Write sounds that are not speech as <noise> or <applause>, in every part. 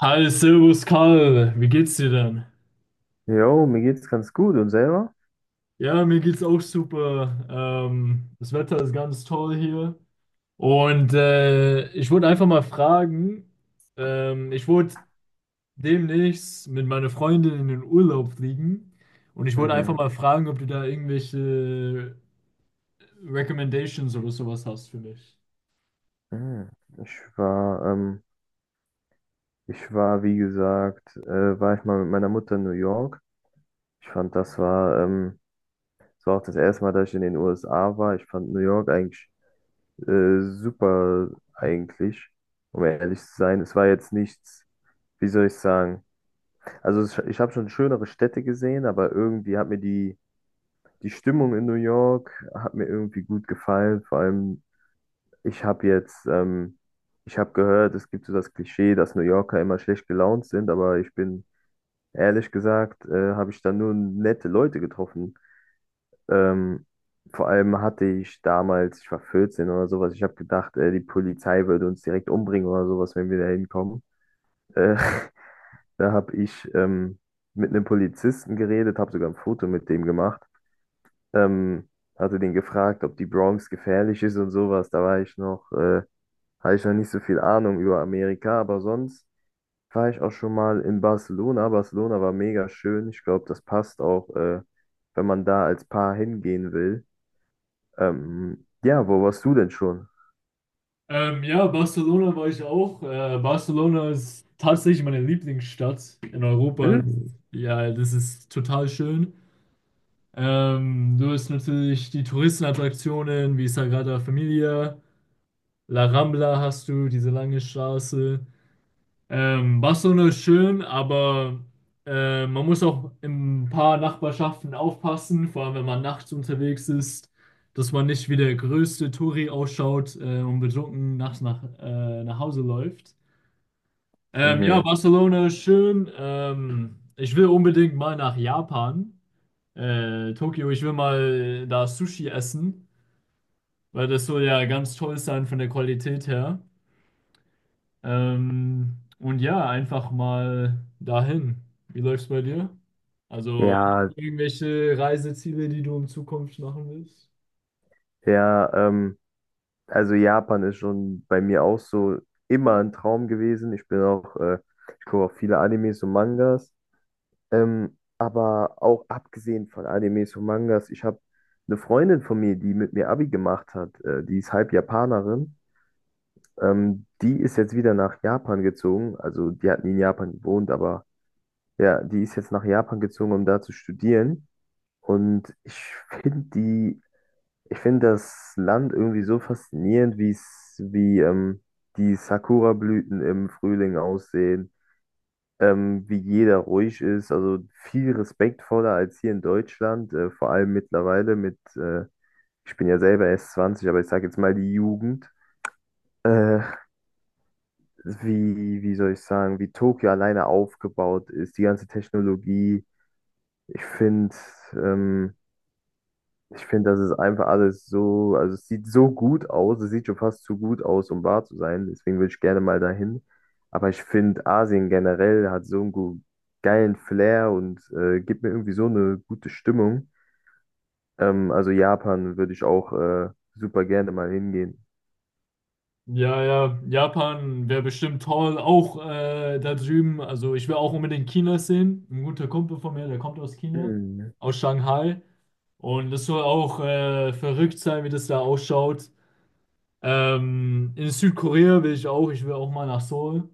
Hi, Servus Karl, wie geht's dir denn? Jo, mir geht's ganz gut und selber? Ja, mir geht's auch super. Das Wetter ist ganz toll hier. Und ich wollte einfach mal fragen, ich wollte demnächst mit meiner Freundin in den Urlaub fliegen. Und ich wollte einfach Mhm. mal fragen, ob du da irgendwelche Recommendations oder sowas hast für mich. Mhm. Ich war, ähm, ich war, wie gesagt, war ich mal mit meiner Mutter in New York. Ich fand, das war auch das erste Mal, dass ich in den USA war. Ich fand New York eigentlich super, eigentlich, um ehrlich zu sein. Es war jetzt nichts, wie soll ich sagen? Ich habe schon schönere Städte gesehen, aber irgendwie hat mir die Stimmung in New York hat mir irgendwie gut gefallen. Vor allem Ich habe jetzt, ähm, ich habe gehört, es gibt so das Klischee, dass New Yorker immer schlecht gelaunt sind, aber ich bin ehrlich gesagt, habe ich da nur nette Leute getroffen. Ähm, Vor allem hatte ich damals, ich war 14 oder sowas, ich habe gedacht, die Polizei würde uns direkt umbringen oder sowas, wenn wir da hinkommen. Äh, <laughs> da habe ich mit einem Polizisten geredet, habe sogar ein Foto mit dem gemacht. Ähm, Hatte den gefragt, ob die Bronx gefährlich ist und sowas. Da war ich noch. Habe ich noch nicht so viel Ahnung über Amerika, aber sonst war ich auch schon mal in Barcelona. Barcelona war mega schön. Ich glaube, das passt auch, wenn man da als Paar hingehen will. Ja, wo warst du denn schon? Ja, Barcelona war ich auch. Barcelona ist tatsächlich meine Lieblingsstadt in Europa. Hm? Ja, das ist total schön. Du hast natürlich die Touristenattraktionen wie Sagrada Familia, La Rambla hast du, diese lange Straße. Barcelona ist schön, aber man muss auch in ein paar Nachbarschaften aufpassen, vor allem wenn man nachts unterwegs ist, dass man nicht wie der größte Touri ausschaut und betrunken nachts nach Hause läuft. Ja, Mhm. Barcelona ist schön. Ich will unbedingt mal nach Japan, Tokio, ich will mal da Sushi essen, weil das soll ja ganz toll sein von der Qualität her. Und ja, einfach mal dahin. Wie läuft's bei dir? Also hast Ja, du irgendwelche Reiseziele, die du in Zukunft machen willst? ja, also Japan ist schon bei mir auch so immer ein Traum gewesen. Ich gucke auch viele Animes und Mangas. Aber auch abgesehen von Animes und Mangas, ich habe eine Freundin von mir, die mit mir Abi gemacht hat, die ist halb Japanerin. Die ist jetzt wieder nach Japan gezogen. Also die hat nie in Japan gewohnt, aber ja, die ist jetzt nach Japan gezogen, um da zu studieren. Und ich finde die, ich finde das Land irgendwie so faszinierend, wie die Sakura-Blüten im Frühling aussehen, wie jeder ruhig ist, also viel respektvoller als hier in Deutschland, vor allem mittlerweile mit, ich bin ja selber erst 20, aber ich sage jetzt mal die Jugend, äh, wie, wie soll ich sagen, wie Tokio alleine aufgebaut ist, die ganze Technologie, ich finde, ähm, ich finde, das ist einfach alles so, also es sieht so gut aus, es sieht schon fast zu gut aus, um wahr zu sein. Deswegen würde ich gerne mal dahin. Aber ich finde, Asien generell hat so einen geilen Flair und gibt mir irgendwie so eine gute Stimmung. Also Japan würde ich auch super gerne mal hingehen. Ja, ja, Japan wäre bestimmt toll. Auch da drüben, also ich will auch unbedingt China sehen. Ein guter Kumpel von mir, der kommt aus China, Hm. aus Shanghai. Und das soll auch verrückt sein, wie das da ausschaut. In Südkorea will ich auch, ich will auch mal nach Seoul.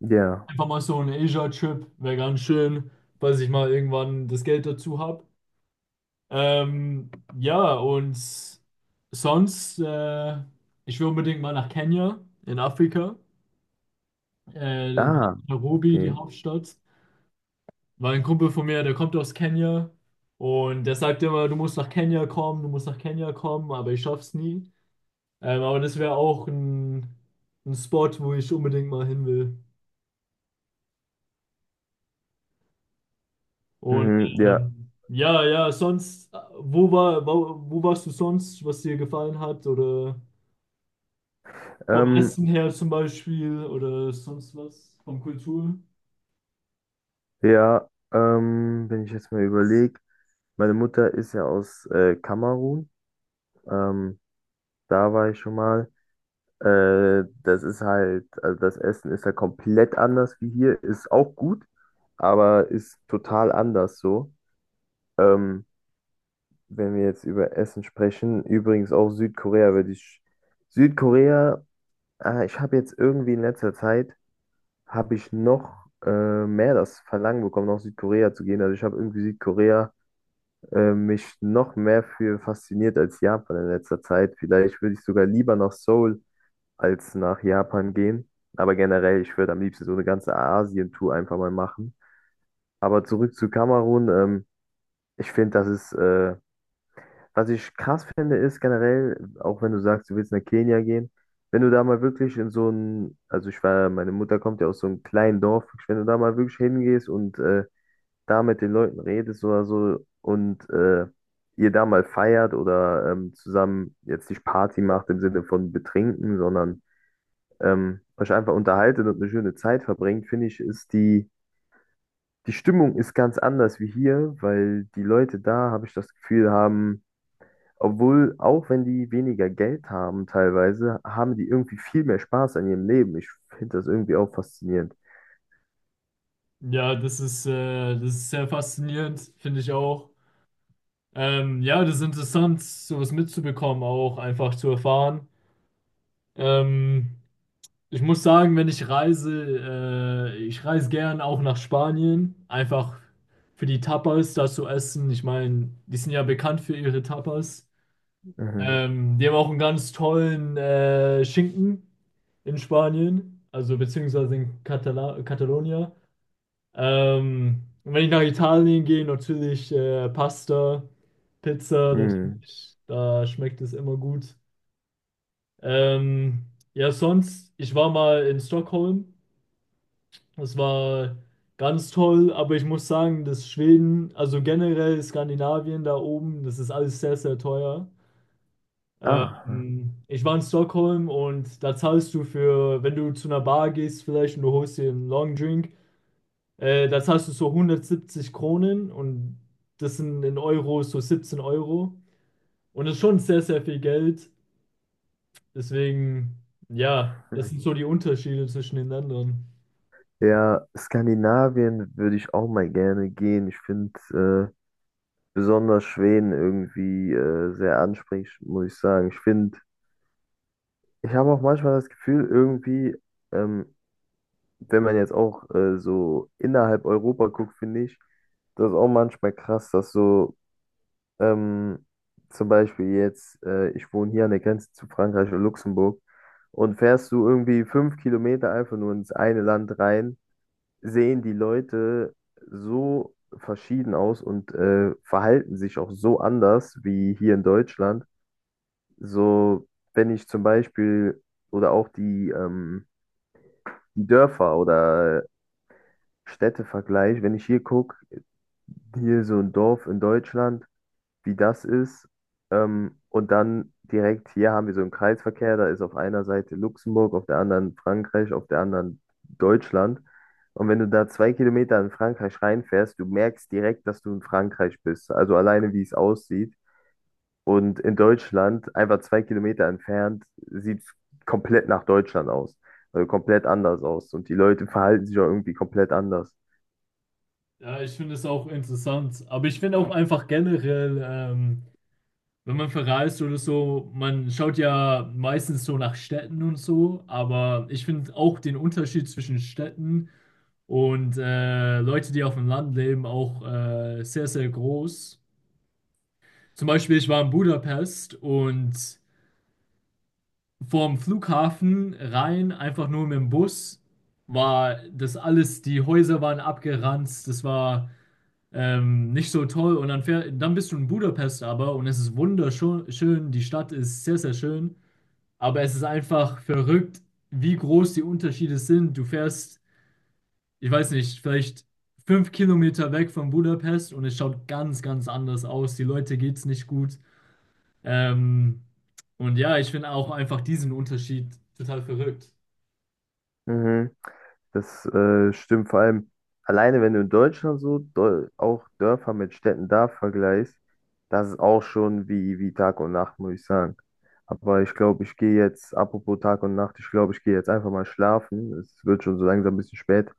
Ja. Einfach mal so ein Asia-Trip, wäre ganz schön, falls ich mal irgendwann das Geld dazu habe. Ähm, ja, und sonst, ich will unbedingt mal nach Kenia in Afrika, äh, Ah, Nairobi, die okay. Hauptstadt, weil ein Kumpel von mir, der kommt aus Kenia und der sagt immer, du musst nach Kenia kommen, du musst nach Kenia kommen, aber ich schaff's nie. Aber das wäre auch ein Spot, wo ich unbedingt mal hin will. Und Mhm, ja. ja, ja, sonst, wo warst du sonst, was dir gefallen hat? Oder vom Ähm, Essen her zum Beispiel oder sonst was? Vom Kultur? ja, Wenn ich jetzt mal überlege, meine Mutter ist ja aus Kamerun. Ähm, Da war ich schon mal. Das ist halt, also das Essen ist ja halt komplett anders wie hier, ist auch gut, aber ist total anders so. Ähm, Wenn wir jetzt über Essen sprechen, übrigens auch Südkorea, Südkorea, ich habe jetzt irgendwie in letzter Zeit, habe ich noch mehr das Verlangen bekommen, nach Südkorea zu gehen. Also ich habe irgendwie Südkorea, mich noch mehr für fasziniert als Japan in letzter Zeit. Vielleicht würde ich sogar lieber nach Seoul als nach Japan gehen. Aber generell, ich würde am liebsten so eine ganze Asien-Tour einfach mal machen. Aber zurück zu Kamerun, ich finde, was ich krass finde, ist generell, auch wenn du sagst, du willst nach Kenia gehen, wenn du da mal wirklich in so ein, also ich war, meine Mutter kommt ja aus so einem kleinen Dorf, wenn du da mal wirklich hingehst und da mit den Leuten redest oder so und ihr da mal feiert oder zusammen jetzt nicht Party macht im Sinne von betrinken, sondern euch einfach unterhaltet und eine schöne Zeit verbringt, finde ich, die Stimmung ist ganz anders wie hier, weil die Leute da, habe ich das Gefühl, haben, obwohl, auch wenn die weniger Geld haben teilweise, haben die irgendwie viel mehr Spaß an ihrem Leben. Ich finde das irgendwie auch faszinierend. Ja, das ist sehr faszinierend, finde ich auch. Ja, das ist interessant, sowas mitzubekommen, auch einfach zu erfahren. Ähm, Ich muss sagen, wenn ich reise, ich reise gern auch nach Spanien, einfach für die Tapas da zu essen. Ich meine, die sind ja bekannt für ihre Tapas. Mhm. Die haben auch einen ganz tollen Schinken in Spanien, also beziehungsweise in Katala Catalonia. Und wenn ich nach Italien gehe, natürlich Pasta, Pizza, Hm. natürlich, da schmeckt es immer gut. Ähm, ja, sonst, ich war mal in Stockholm. Es war ganz toll, aber ich muss sagen, dass Schweden, also generell Skandinavien da oben, das ist alles sehr, sehr teuer. Ah. Ich war in Stockholm und da zahlst du wenn du zu einer Bar gehst vielleicht und du holst dir einen Long Drink, da zahlst du so 170 Kronen und das sind in Euro so 17 Euro. Und das ist schon sehr, sehr viel Geld. Deswegen, ja, das sind Mhm. so die Unterschiede zwischen den Ländern. Ja, Skandinavien würde ich auch mal gerne gehen. Ich finde besonders Schweden irgendwie sehr ansprechend, muss ich sagen. Ich habe auch manchmal das Gefühl, irgendwie, ähm, wenn man jetzt auch so innerhalb Europa guckt, finde ich, das ist auch manchmal krass, dass so ähm, zum Beispiel jetzt, ich wohne hier an der Grenze zu Frankreich und Luxemburg und fährst du irgendwie 5 Kilometer einfach nur ins eine Land rein, sehen die Leute so verschieden aus und verhalten sich auch so anders wie hier in Deutschland. So, wenn ich zum Beispiel oder auch die Dörfer oder Städte vergleiche, wenn ich hier gucke, hier so ein Dorf in Deutschland, wie das ist, und dann direkt hier haben wir so einen Kreisverkehr, da ist auf einer Seite Luxemburg, auf der anderen Frankreich, auf der anderen Deutschland. Und wenn du da 2 Kilometer in Frankreich reinfährst, du merkst direkt, dass du in Frankreich bist. Also alleine, wie es aussieht. Und in Deutschland, einfach 2 Kilometer entfernt, sieht es komplett nach Deutschland aus. Also komplett anders aus. Und die Leute verhalten sich auch irgendwie komplett anders. Ja, ich finde es auch interessant. Aber ich finde auch einfach generell, wenn man verreist oder so, man schaut ja meistens so nach Städten und so. Aber ich finde auch den Unterschied zwischen Städten und Leute, die auf dem Land leben, auch sehr, sehr groß. Zum Beispiel, ich war in Budapest und vorm Flughafen rein, einfach nur mit dem Bus, war das alles, die Häuser waren abgeranzt, das war nicht so toll. Und dann, dann bist du in Budapest aber und es ist wunderschön. Schön. Die Stadt ist sehr, sehr schön. Aber es ist einfach verrückt, wie groß die Unterschiede sind. Du fährst, ich weiß nicht, vielleicht 5 km weg von Budapest und es schaut ganz, ganz anders aus. Die Leute geht's nicht gut. Ähm, und ja, ich finde auch einfach diesen Unterschied total verrückt. Mhm. Das stimmt vor allem alleine, wenn du in Deutschland so Dol auch Dörfer mit Städten da vergleichst, das ist auch schon wie Tag und Nacht, muss ich sagen. Aber ich glaube, ich gehe jetzt, apropos Tag und Nacht, ich glaube, ich gehe jetzt einfach mal schlafen. Es wird schon so langsam ein bisschen spät.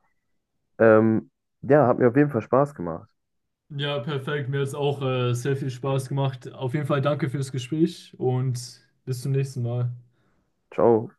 Ähm, ja, hat mir auf jeden Fall Spaß gemacht. Ja, perfekt. Mir hat es auch sehr viel Spaß gemacht. Auf jeden Fall danke fürs Gespräch und bis zum nächsten Mal. Ciao.